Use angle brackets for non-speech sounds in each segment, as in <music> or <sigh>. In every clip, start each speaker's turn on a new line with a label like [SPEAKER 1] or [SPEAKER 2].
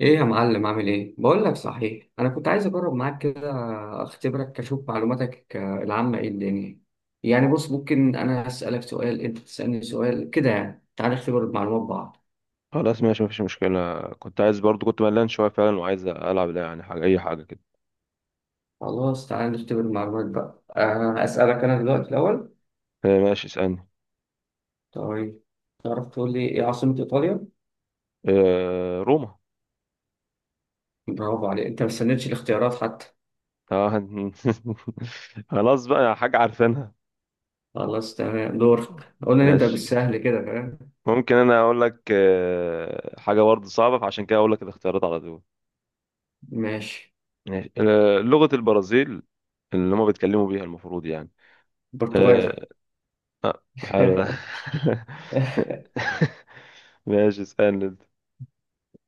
[SPEAKER 1] ايه يا معلم عامل ايه؟ بقول لك صحيح انا كنت عايز اجرب معاك كده، اختبرك اشوف معلوماتك العامه ايه الدنيا. يعني بص، ممكن انا اسالك سؤال انت تسالني سؤال كده، يعني تعال نختبر المعلومات بعض.
[SPEAKER 2] خلاص ماشي مفيش مشكلة. كنت عايز برضو، كنت ملان شوية فعلا وعايز ألعب، لا يعني حاجة أي حاجة كده.
[SPEAKER 1] خلاص تعال نختبر المعلومات بقى، اسالك انا دلوقتي الاول.
[SPEAKER 2] ماشي اسألني.
[SPEAKER 1] طيب، تعرف تقول لي ايه عاصمه ايطاليا؟
[SPEAKER 2] روما.
[SPEAKER 1] برافو عليك، انت ما استنيتش الاختيارات حتى.
[SPEAKER 2] آه، هن- <laughs> خلاص بقى، حاجة عارفينها.
[SPEAKER 1] خلاص تمام، دورك، قلنا نبدا
[SPEAKER 2] ماشي.
[SPEAKER 1] بالسهل كده، فاهم؟
[SPEAKER 2] ممكن أنا أقول لك حاجة برضه صعبة، فعشان كده أقول لك الاختيارات على طول.
[SPEAKER 1] ماشي.
[SPEAKER 2] ماشي، لغة البرازيل اللي هما بيتكلموا بيها المفروض يعني.
[SPEAKER 1] برتغالي.
[SPEAKER 2] آه، حلو ده.
[SPEAKER 1] <laughs>
[SPEAKER 2] <laughs> ماشي، اسألني أنت.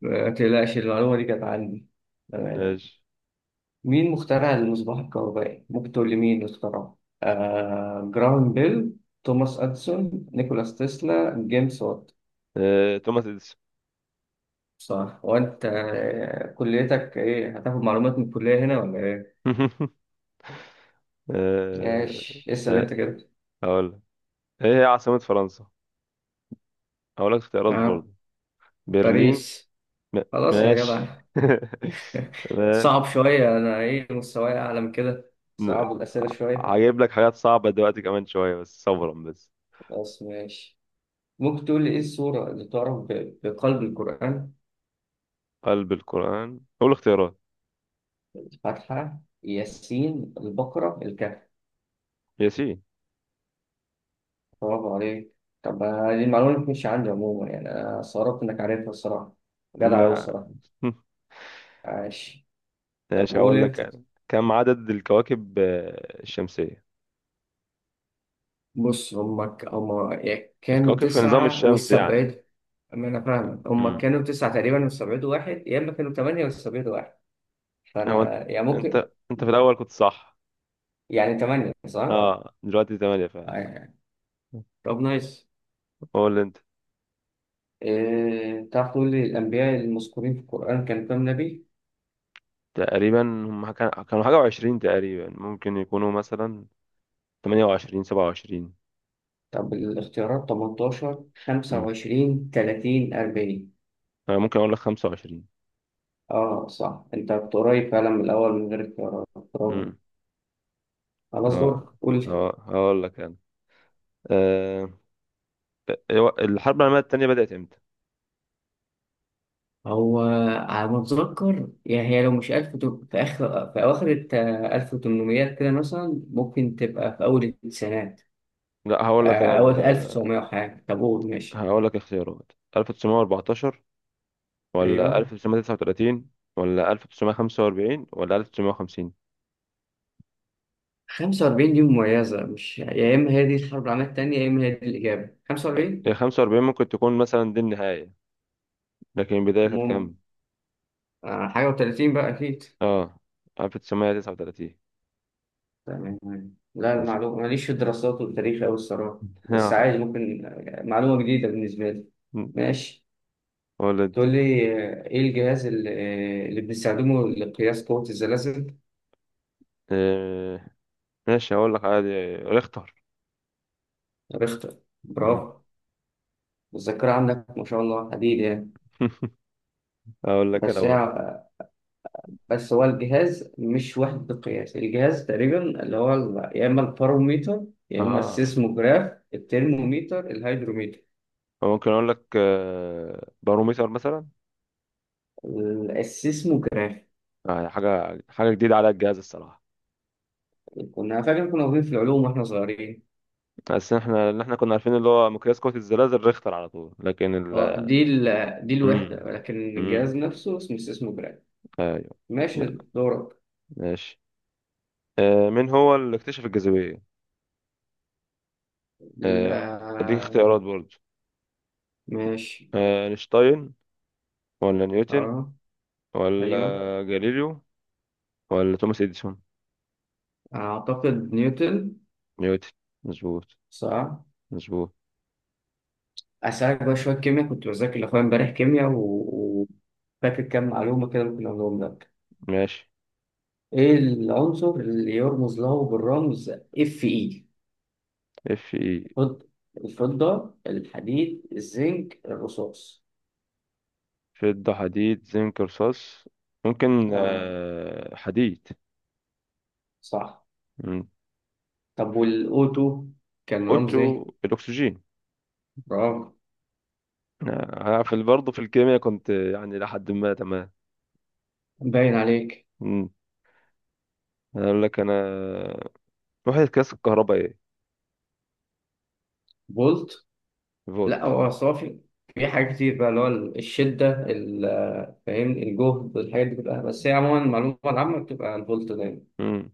[SPEAKER 1] ما تقلقش المعلومة دي كانت عندي. تمام.
[SPEAKER 2] ماشي،
[SPEAKER 1] مين مخترع المصباح الكهربائي؟ ممكن تقول لي مين اللي اخترعه؟ آه، جراهام بيل، توماس أديسون، نيكولاس تسلا، جيمس وات.
[SPEAKER 2] توماس إديسون.
[SPEAKER 1] صح. وأنت كليتك إيه؟ هتاخد معلومات من الكلية هنا ولا إيه؟
[SPEAKER 2] <laughs> آه،
[SPEAKER 1] ماشي، اسأل
[SPEAKER 2] آه،
[SPEAKER 1] أنت كده.
[SPEAKER 2] اقول لك. ايه هي عاصمة فرنسا؟ اقول لك اختيارات
[SPEAKER 1] آه
[SPEAKER 2] برضه. برلين.
[SPEAKER 1] باريس.
[SPEAKER 2] م...
[SPEAKER 1] خلاص يا
[SPEAKER 2] ماشي.
[SPEAKER 1] جدع.
[SPEAKER 2] <laughs>
[SPEAKER 1] <laughs>
[SPEAKER 2] تمام.
[SPEAKER 1] صعب شوية، أنا إيه مستواي أعلى من كده،
[SPEAKER 2] ن-
[SPEAKER 1] صعب الأسئلة شوية.
[SPEAKER 2] هجيب لك حاجات صعبة دلوقتي كمان شوية، بس صبرا بس.
[SPEAKER 1] خلاص ماشي. ممكن تقول لي إيه السورة اللي تعرف بقلب القرآن؟
[SPEAKER 2] قلب القرآن؟ قول اختيارات.
[SPEAKER 1] فتحة، ياسين، البقرة، الكهف.
[SPEAKER 2] ياسين.
[SPEAKER 1] برافو عليك. طب دي المعلومة اللي مش عندي عموما، يعني أنا استغربت إنك عارفها الصراحة، جدع
[SPEAKER 2] لا.
[SPEAKER 1] أوي الصراحة.
[SPEAKER 2] <laughs>
[SPEAKER 1] عاش. طب
[SPEAKER 2] ماشي،
[SPEAKER 1] قول
[SPEAKER 2] هقول لك
[SPEAKER 1] أنت.
[SPEAKER 2] أنا. كم عدد الكواكب الشمسية؟
[SPEAKER 1] بص هما هما يا كانوا
[SPEAKER 2] الكواكب في النظام
[SPEAKER 1] تسعة
[SPEAKER 2] الشمسي يعني.
[SPEAKER 1] واستبعدوا. أما أنا فاهمك، هما
[SPEAKER 2] امم
[SPEAKER 1] كانوا تسعة تقريبا واستبعدوا واحد، يا إما كانوا تمانية واستبعدوا واحد،
[SPEAKER 2] هو انت،
[SPEAKER 1] فأنا يعني ممكن.
[SPEAKER 2] انت في الاول كنت صح.
[SPEAKER 1] يعني تمانية صح؟
[SPEAKER 2] اه دلوقتي ثمانية فعلا.
[SPEAKER 1] أيوة. طب نايس.
[SPEAKER 2] قول انت.
[SPEAKER 1] إيه... تعرف تقول لي الأنبياء المذكورين في القرآن كانوا كام نبي؟
[SPEAKER 2] تقريبا هم كانوا حاجة وعشرين تقريبا، ممكن يكونوا مثلا تمانية وعشرين، سبعة وعشرين.
[SPEAKER 1] طب الاختيارات 18
[SPEAKER 2] أمم.
[SPEAKER 1] 25 30 40.
[SPEAKER 2] أنا ممكن أقول لك خمسة وعشرين.
[SPEAKER 1] اه صح، انت كنت قريب فعلا من الاول من غير اختيارات. برافو.
[SPEAKER 2] أمم.
[SPEAKER 1] خلاص دورك،
[SPEAKER 2] اه.
[SPEAKER 1] قول.
[SPEAKER 2] اه هقول لك أنا. آه، هو الحرب العالمية التانية بدأت إمتى؟
[SPEAKER 1] هو على ما اتذكر، يعني هي لو مش 1000 تبقى في اخر، في اواخر ال 1800 كده مثلا، ممكن تبقى في اول التسعينات،
[SPEAKER 2] لا هقول لك أنا
[SPEAKER 1] اول 1900 وحاجه. طب قول ماشي.
[SPEAKER 2] هقول لك اختيارات: 1914 ولا
[SPEAKER 1] ايوه.
[SPEAKER 2] 1939 ولا 1945 ولا 1950؟
[SPEAKER 1] 45 دي مميزه، مش يا اما هي دي الحرب العالميه الثانيه، يا اما هي دي الاجابه 45.
[SPEAKER 2] هي 45 ممكن تكون مثلا دي النهاية، لكن البداية كانت
[SPEAKER 1] ممكن.
[SPEAKER 2] كام؟
[SPEAKER 1] حاجه و30 بقى اكيد.
[SPEAKER 2] اه، 1939.
[SPEAKER 1] تمام. لا
[SPEAKER 2] مظبوط.
[SPEAKER 1] المعلومة ماليش في الدراسات والتاريخ أوي الصراحة، بس
[SPEAKER 2] <laughs>
[SPEAKER 1] عادي ممكن. معلومة جديدة بالنسبة لي. ماشي.
[SPEAKER 2] ولد.
[SPEAKER 1] تقول لي إيه الجهاز اللي, اللي بنستخدمه لقياس قوة الزلازل؟
[SPEAKER 2] إيه. ماشي هقول لك عادي. اختار.
[SPEAKER 1] ريختر.
[SPEAKER 2] مم.
[SPEAKER 1] برافو. الذاكرة عندك ما شاء الله حديد يعني.
[SPEAKER 2] اقول لك انا
[SPEAKER 1] بس هي،
[SPEAKER 2] برضه.
[SPEAKER 1] بس هو الجهاز مش وحدة قياس، الجهاز تقريبا اللي هو يا إما الباروميتر، يا إما
[SPEAKER 2] اه
[SPEAKER 1] السيسموجراف، الترموميتر، الهيدروميتر.
[SPEAKER 2] ممكن اقول لك باروميتر مثلا.
[SPEAKER 1] السيسموجراف.
[SPEAKER 2] يعني حاجه جديده على الجهاز الصراحه.
[SPEAKER 1] كنا فاكر، كنا واخدين في العلوم واحنا صغيرين.
[SPEAKER 2] بس احنا اللي كنا عارفين اللي هو مقياس قوه الزلازل ريختر على طول، لكن ال...
[SPEAKER 1] اه دي ال... دي الوحدة،
[SPEAKER 2] امم
[SPEAKER 1] ولكن الجهاز
[SPEAKER 2] امم
[SPEAKER 1] نفسه اسمه جرام.
[SPEAKER 2] ايوه.
[SPEAKER 1] ماشي
[SPEAKER 2] لا.
[SPEAKER 1] دورك.
[SPEAKER 2] ماشي. مين هو اللي اكتشف الجاذبيه؟
[SPEAKER 1] ال-
[SPEAKER 2] آه، اديك
[SPEAKER 1] آه،
[SPEAKER 2] اختيارات برضه:
[SPEAKER 1] ماشي.
[SPEAKER 2] اينشتاين ولا نيوتن
[SPEAKER 1] اه
[SPEAKER 2] ولا
[SPEAKER 1] ايوه.
[SPEAKER 2] جاليليو ولا توماس اديسون؟
[SPEAKER 1] اعتقد نيوتن.
[SPEAKER 2] نيوتن. مظبوط،
[SPEAKER 1] صح.
[SPEAKER 2] مظبوط.
[SPEAKER 1] اسالك بقى شوية كيمياء، كنت بذاكر لاخويا امبارح كيمياء وفاكر كام معلومة كده ممكن اقولهم لك.
[SPEAKER 2] ماشي.
[SPEAKER 1] ايه العنصر اللي يرمز له بالرمز اف اي؟
[SPEAKER 2] اف اي:
[SPEAKER 1] الفض- الفضة، الحديد، الزنك، الرصاص.
[SPEAKER 2] فضة، حديد، زنك، رصاص. ممكن
[SPEAKER 1] اه
[SPEAKER 2] حديد.
[SPEAKER 1] صح.
[SPEAKER 2] مم.
[SPEAKER 1] طب والاوتو كان رمز
[SPEAKER 2] اوتو
[SPEAKER 1] ايه؟
[SPEAKER 2] الاكسجين.
[SPEAKER 1] برافو.
[SPEAKER 2] انا في برضه في الكيمياء كنت يعني لحد ما تمام.
[SPEAKER 1] باين عليك.
[SPEAKER 2] مم. انا اقول لك انا. وحدة قياس الكهرباء ايه؟
[SPEAKER 1] بولت. لا
[SPEAKER 2] فولت.
[SPEAKER 1] هو أصل هو في، في حاجات كتير بقى اللي هو الشدة، فاهم، الجهد، الحاجات دي كلها، بس هي عموما المعلومة العامة بتبقى الفولت دايما.
[SPEAKER 2] مم.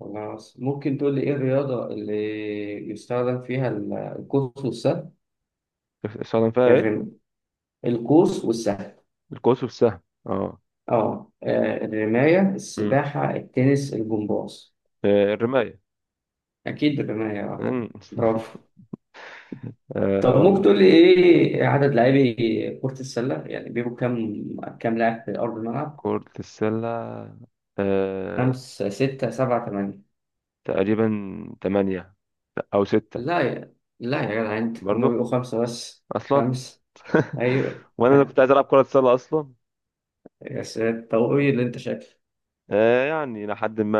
[SPEAKER 1] خلاص ممكن تقول لي ايه الرياضة اللي يستخدم فيها القوس والسهم؟
[SPEAKER 2] استخدم فيها ايه؟
[SPEAKER 1] الرم القوس والسهم.
[SPEAKER 2] القوس والسهم. اه.
[SPEAKER 1] اه الرماية،
[SPEAKER 2] مم.
[SPEAKER 1] السباحة، التنس، الجمباز.
[SPEAKER 2] الرماية.
[SPEAKER 1] أكيد الرماية اه.
[SPEAKER 2] مم.
[SPEAKER 1] برافو.
[SPEAKER 2] <laughs>
[SPEAKER 1] طب
[SPEAKER 2] اقول
[SPEAKER 1] ممكن
[SPEAKER 2] لك.
[SPEAKER 1] تقول لي ايه عدد لاعبي كرة السلة؟ يعني بيبقوا كام، كام لاعب في أرض الملعب؟
[SPEAKER 2] كرة السلة. آه،
[SPEAKER 1] خمسة، ستة، سبعة، تمانية.
[SPEAKER 2] تقريبا تمانية او ستة.
[SPEAKER 1] لا يا لا يا جدع أنت، هما
[SPEAKER 2] برضه
[SPEAKER 1] بيبقوا خمسة بس،
[SPEAKER 2] اصلا.
[SPEAKER 1] خمسة.
[SPEAKER 2] <laughs>
[SPEAKER 1] أيوة.
[SPEAKER 2] وانا اللي كنت عايز العب كرة سلة اصلا.
[SPEAKER 1] <laughs> يا ساتر، طويل اللي أنت شايف.
[SPEAKER 2] آه يعني لحد ما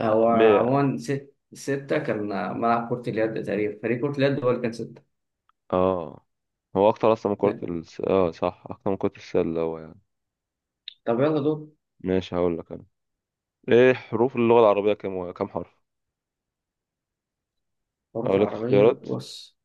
[SPEAKER 1] هو
[SPEAKER 2] مية.
[SPEAKER 1] عموما ستة كان ملعب كرة اليد تقريبا، فريق كرة اليد هو اللي كان ستة.
[SPEAKER 2] اه هو اكتر اصلا من
[SPEAKER 1] لا.
[SPEAKER 2] اه صح، اكتر من كرة السلة هو يعني.
[SPEAKER 1] طب يلا دول.
[SPEAKER 2] ماشي هقول لك انا. ايه حروف اللغة العربية، كام حرف؟
[SPEAKER 1] حروف
[SPEAKER 2] هقول لك
[SPEAKER 1] العربية،
[SPEAKER 2] اختيارات.
[SPEAKER 1] بص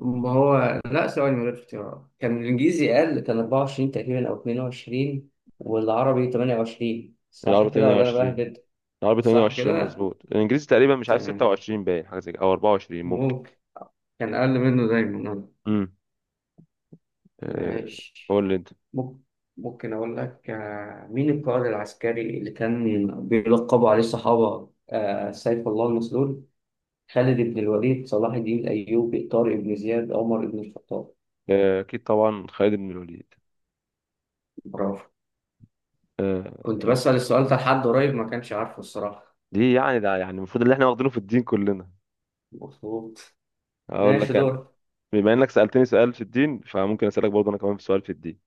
[SPEAKER 1] ما هو لا ثواني، من غير اختيارات كان الإنجليزي أقل، كان 24 تقريبا أو 22، والعربي 28
[SPEAKER 2] العربي
[SPEAKER 1] صح كده ولا أنا
[SPEAKER 2] 28.
[SPEAKER 1] بهبد؟
[SPEAKER 2] العربي
[SPEAKER 1] صح
[SPEAKER 2] 28
[SPEAKER 1] كده؟
[SPEAKER 2] مظبوط. الانجليزي تقريبا مش عارف،
[SPEAKER 1] تمام.
[SPEAKER 2] 26 باين، حاجة زي كده او 24 ممكن.
[SPEAKER 1] ممكن. كان أقل منه دايما.
[SPEAKER 2] امم. آه.
[SPEAKER 1] ماشي.
[SPEAKER 2] قول لي انت.
[SPEAKER 1] ممكن، ممكن أقول لك مين القائد العسكري اللي كان بيلقبوا عليه الصحابة سيف الله المسلول؟ خالد بن الوليد، صلاح الدين الأيوبي، طارق بن زياد، عمر بن الخطاب.
[SPEAKER 2] اكيد طبعا خالد بن الوليد.
[SPEAKER 1] برافو.
[SPEAKER 2] آه
[SPEAKER 1] كنت بسأل السؤال ده لحد قريب ما كانش عارفه الصراحة.
[SPEAKER 2] دي يعني، ده يعني المفروض اللي احنا واخدينه في الدين كلنا.
[SPEAKER 1] مظبوط.
[SPEAKER 2] اقول
[SPEAKER 1] ماشي
[SPEAKER 2] لك انا.
[SPEAKER 1] دور.
[SPEAKER 2] بما انك سألتني سؤال في الدين، فممكن اسألك برضه انا كمان في سؤال في الدين.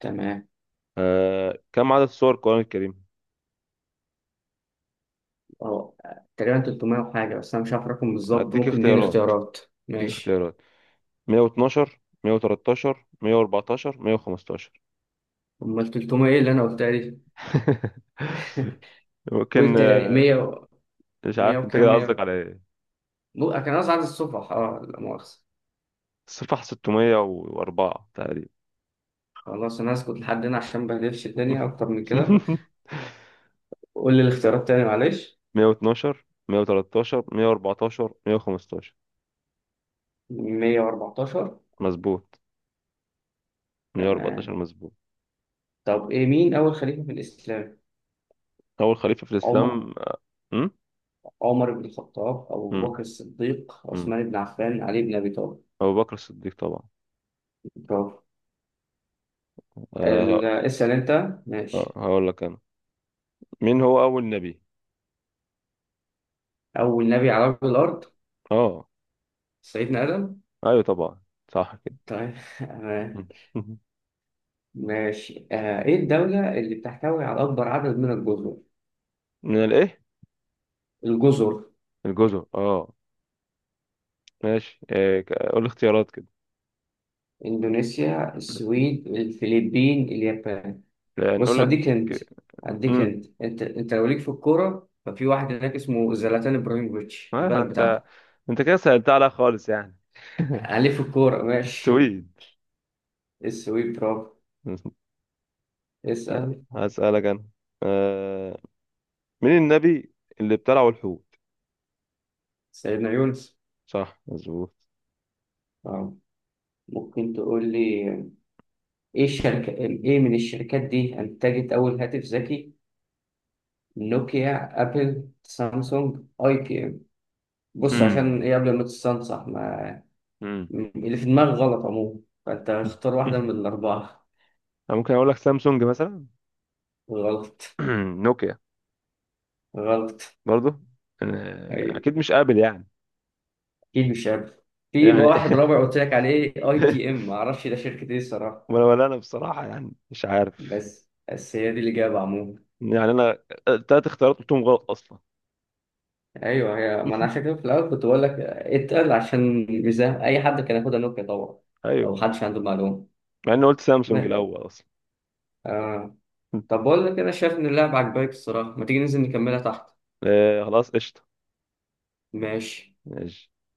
[SPEAKER 1] تمام.
[SPEAKER 2] آه، كم عدد سور القرآن الكريم؟
[SPEAKER 1] أه، تقريبا 300 وحاجة، بس أنا مش عارف الرقم بالظبط،
[SPEAKER 2] هديك
[SPEAKER 1] ممكن اديني
[SPEAKER 2] اختيارات.
[SPEAKER 1] اختيارات.
[SPEAKER 2] هديك
[SPEAKER 1] ماشي.
[SPEAKER 2] اختيارات 112، 113، 114، 115.
[SPEAKER 1] أمال 300 إيه اللي أنا قلتها دي؟
[SPEAKER 2] <laughs>
[SPEAKER 1] <laughs>
[SPEAKER 2] ممكن
[SPEAKER 1] قلت يعني
[SPEAKER 2] آه،
[SPEAKER 1] 100،
[SPEAKER 2] مش
[SPEAKER 1] 100
[SPEAKER 2] عارف انت
[SPEAKER 1] وكام.
[SPEAKER 2] كده قصدك على ايه.
[SPEAKER 1] كان قصدي عدد الصفح، اه لا مؤاخذة.
[SPEAKER 2] الصفحة 604 تقريبا.
[SPEAKER 1] خلاص انا اسكت لحد هنا عشان ما بهدلش الدنيا اكتر من كده.
[SPEAKER 2] <laughs>
[SPEAKER 1] قول لي الاختيارات تاني معلش.
[SPEAKER 2] 112، 113، 114، 115.
[SPEAKER 1] 114.
[SPEAKER 2] مظبوط. 114
[SPEAKER 1] تمام.
[SPEAKER 2] مظبوط.
[SPEAKER 1] طب ايه، مين اول خليفة في الاسلام؟
[SPEAKER 2] أول خليفة في
[SPEAKER 1] عمر،
[SPEAKER 2] الإسلام. أم؟
[SPEAKER 1] عمر بن الخطاب، ابو بكر الصديق،
[SPEAKER 2] أم،
[SPEAKER 1] عثمان بن عفان، علي بن ابي طالب.
[SPEAKER 2] أبو بكر الصديق طبعا.
[SPEAKER 1] برافو.
[SPEAKER 2] أه.
[SPEAKER 1] اسال انت. ماشي.
[SPEAKER 2] هقول لك أنا. مين هو أول نبي؟
[SPEAKER 1] اول نبي على وجه الارض.
[SPEAKER 2] أه.
[SPEAKER 1] سيدنا ادم.
[SPEAKER 2] أيوة طبعا، صح كده.
[SPEAKER 1] طيب. <laughs> تمام.
[SPEAKER 2] <laughs>
[SPEAKER 1] ماشي. آه، ايه الدولة اللي بتحتوي على اكبر عدد من الجزر؟
[SPEAKER 2] من الإيه؟
[SPEAKER 1] الجزر.
[SPEAKER 2] الجزر. أه ماشي. قول اختيارات كده.
[SPEAKER 1] إندونيسيا، السويد، الفلبين، اليابان.
[SPEAKER 2] لا،
[SPEAKER 1] بص
[SPEAKER 2] نقول لك.
[SPEAKER 1] هديك أنت، هديك
[SPEAKER 2] امم.
[SPEAKER 1] أنت، أنت لو ليك في الكورة، ففي واحد هناك اسمه زلاتان إبراهيموفيتش، البلد
[SPEAKER 2] أنت.
[SPEAKER 1] بتاعته.
[SPEAKER 2] أنت كده سألت عليها خالص يعني. <laughs>
[SPEAKER 1] عليه في الكورة، ماشي.
[SPEAKER 2] السويد.
[SPEAKER 1] السويد. برافو. اسأل.
[SPEAKER 2] هسألك أنا. أه. مين النبي اللي ابتلعه الحوت؟
[SPEAKER 1] سيدنا يونس.
[SPEAKER 2] صح، مظبوط.
[SPEAKER 1] اه. ممكن تقول لي إيه الشركة، إيه من الشركات دي أنتجت أول هاتف ذكي؟ نوكيا، أبل، سامسونج، أي بي إم. بص عشان
[SPEAKER 2] امم
[SPEAKER 1] إيه، قبل ما تستنصح، ما
[SPEAKER 2] امم
[SPEAKER 1] اللي في دماغك غلط عموما، فأنت اختار واحدة من
[SPEAKER 2] <laughs>
[SPEAKER 1] الأربعة.
[SPEAKER 2] أنا ممكن أقول لك سامسونج مثلا.
[SPEAKER 1] غلط.
[SPEAKER 2] <clears throat> نوكيا.
[SPEAKER 1] غلط.
[SPEAKER 2] برضه.
[SPEAKER 1] أيوة.
[SPEAKER 2] اكيد مش قابل يعني.
[SPEAKER 1] أكيد مش عارف. في بقى
[SPEAKER 2] يعني.
[SPEAKER 1] واحد رابع قلت لك عليه، أي بي إم،
[SPEAKER 2] <laughs>
[SPEAKER 1] معرفش ده شركة إيه الصراحة،
[SPEAKER 2] ولا انا بصراحه يعني مش عارف.
[SPEAKER 1] بس بس هي دي الإجابة عموما.
[SPEAKER 2] يعني انا التلات اختيارات قلتهم غلط اصلا.
[SPEAKER 1] أيوه هي، ما أنا عشان
[SPEAKER 2] <laughs>
[SPEAKER 1] كده في الأول كنت بقول لك اتقل، عشان ميزة أي حد كان ياخدها نوكيا طبعا لو
[SPEAKER 2] ايوه.
[SPEAKER 1] محدش عنده معلومة.
[SPEAKER 2] مع اني قلت سامسونج
[SPEAKER 1] ما-
[SPEAKER 2] الاول اصلا.
[SPEAKER 1] آه. طب
[SPEAKER 2] <laughs>
[SPEAKER 1] بقول لك، أنا شايف إن اللعبة عجباك الصراحة، ما تيجي ننزل نكملها تحت؟
[SPEAKER 2] آه خلاص قشطه.
[SPEAKER 1] ماشي.
[SPEAKER 2] ماشي.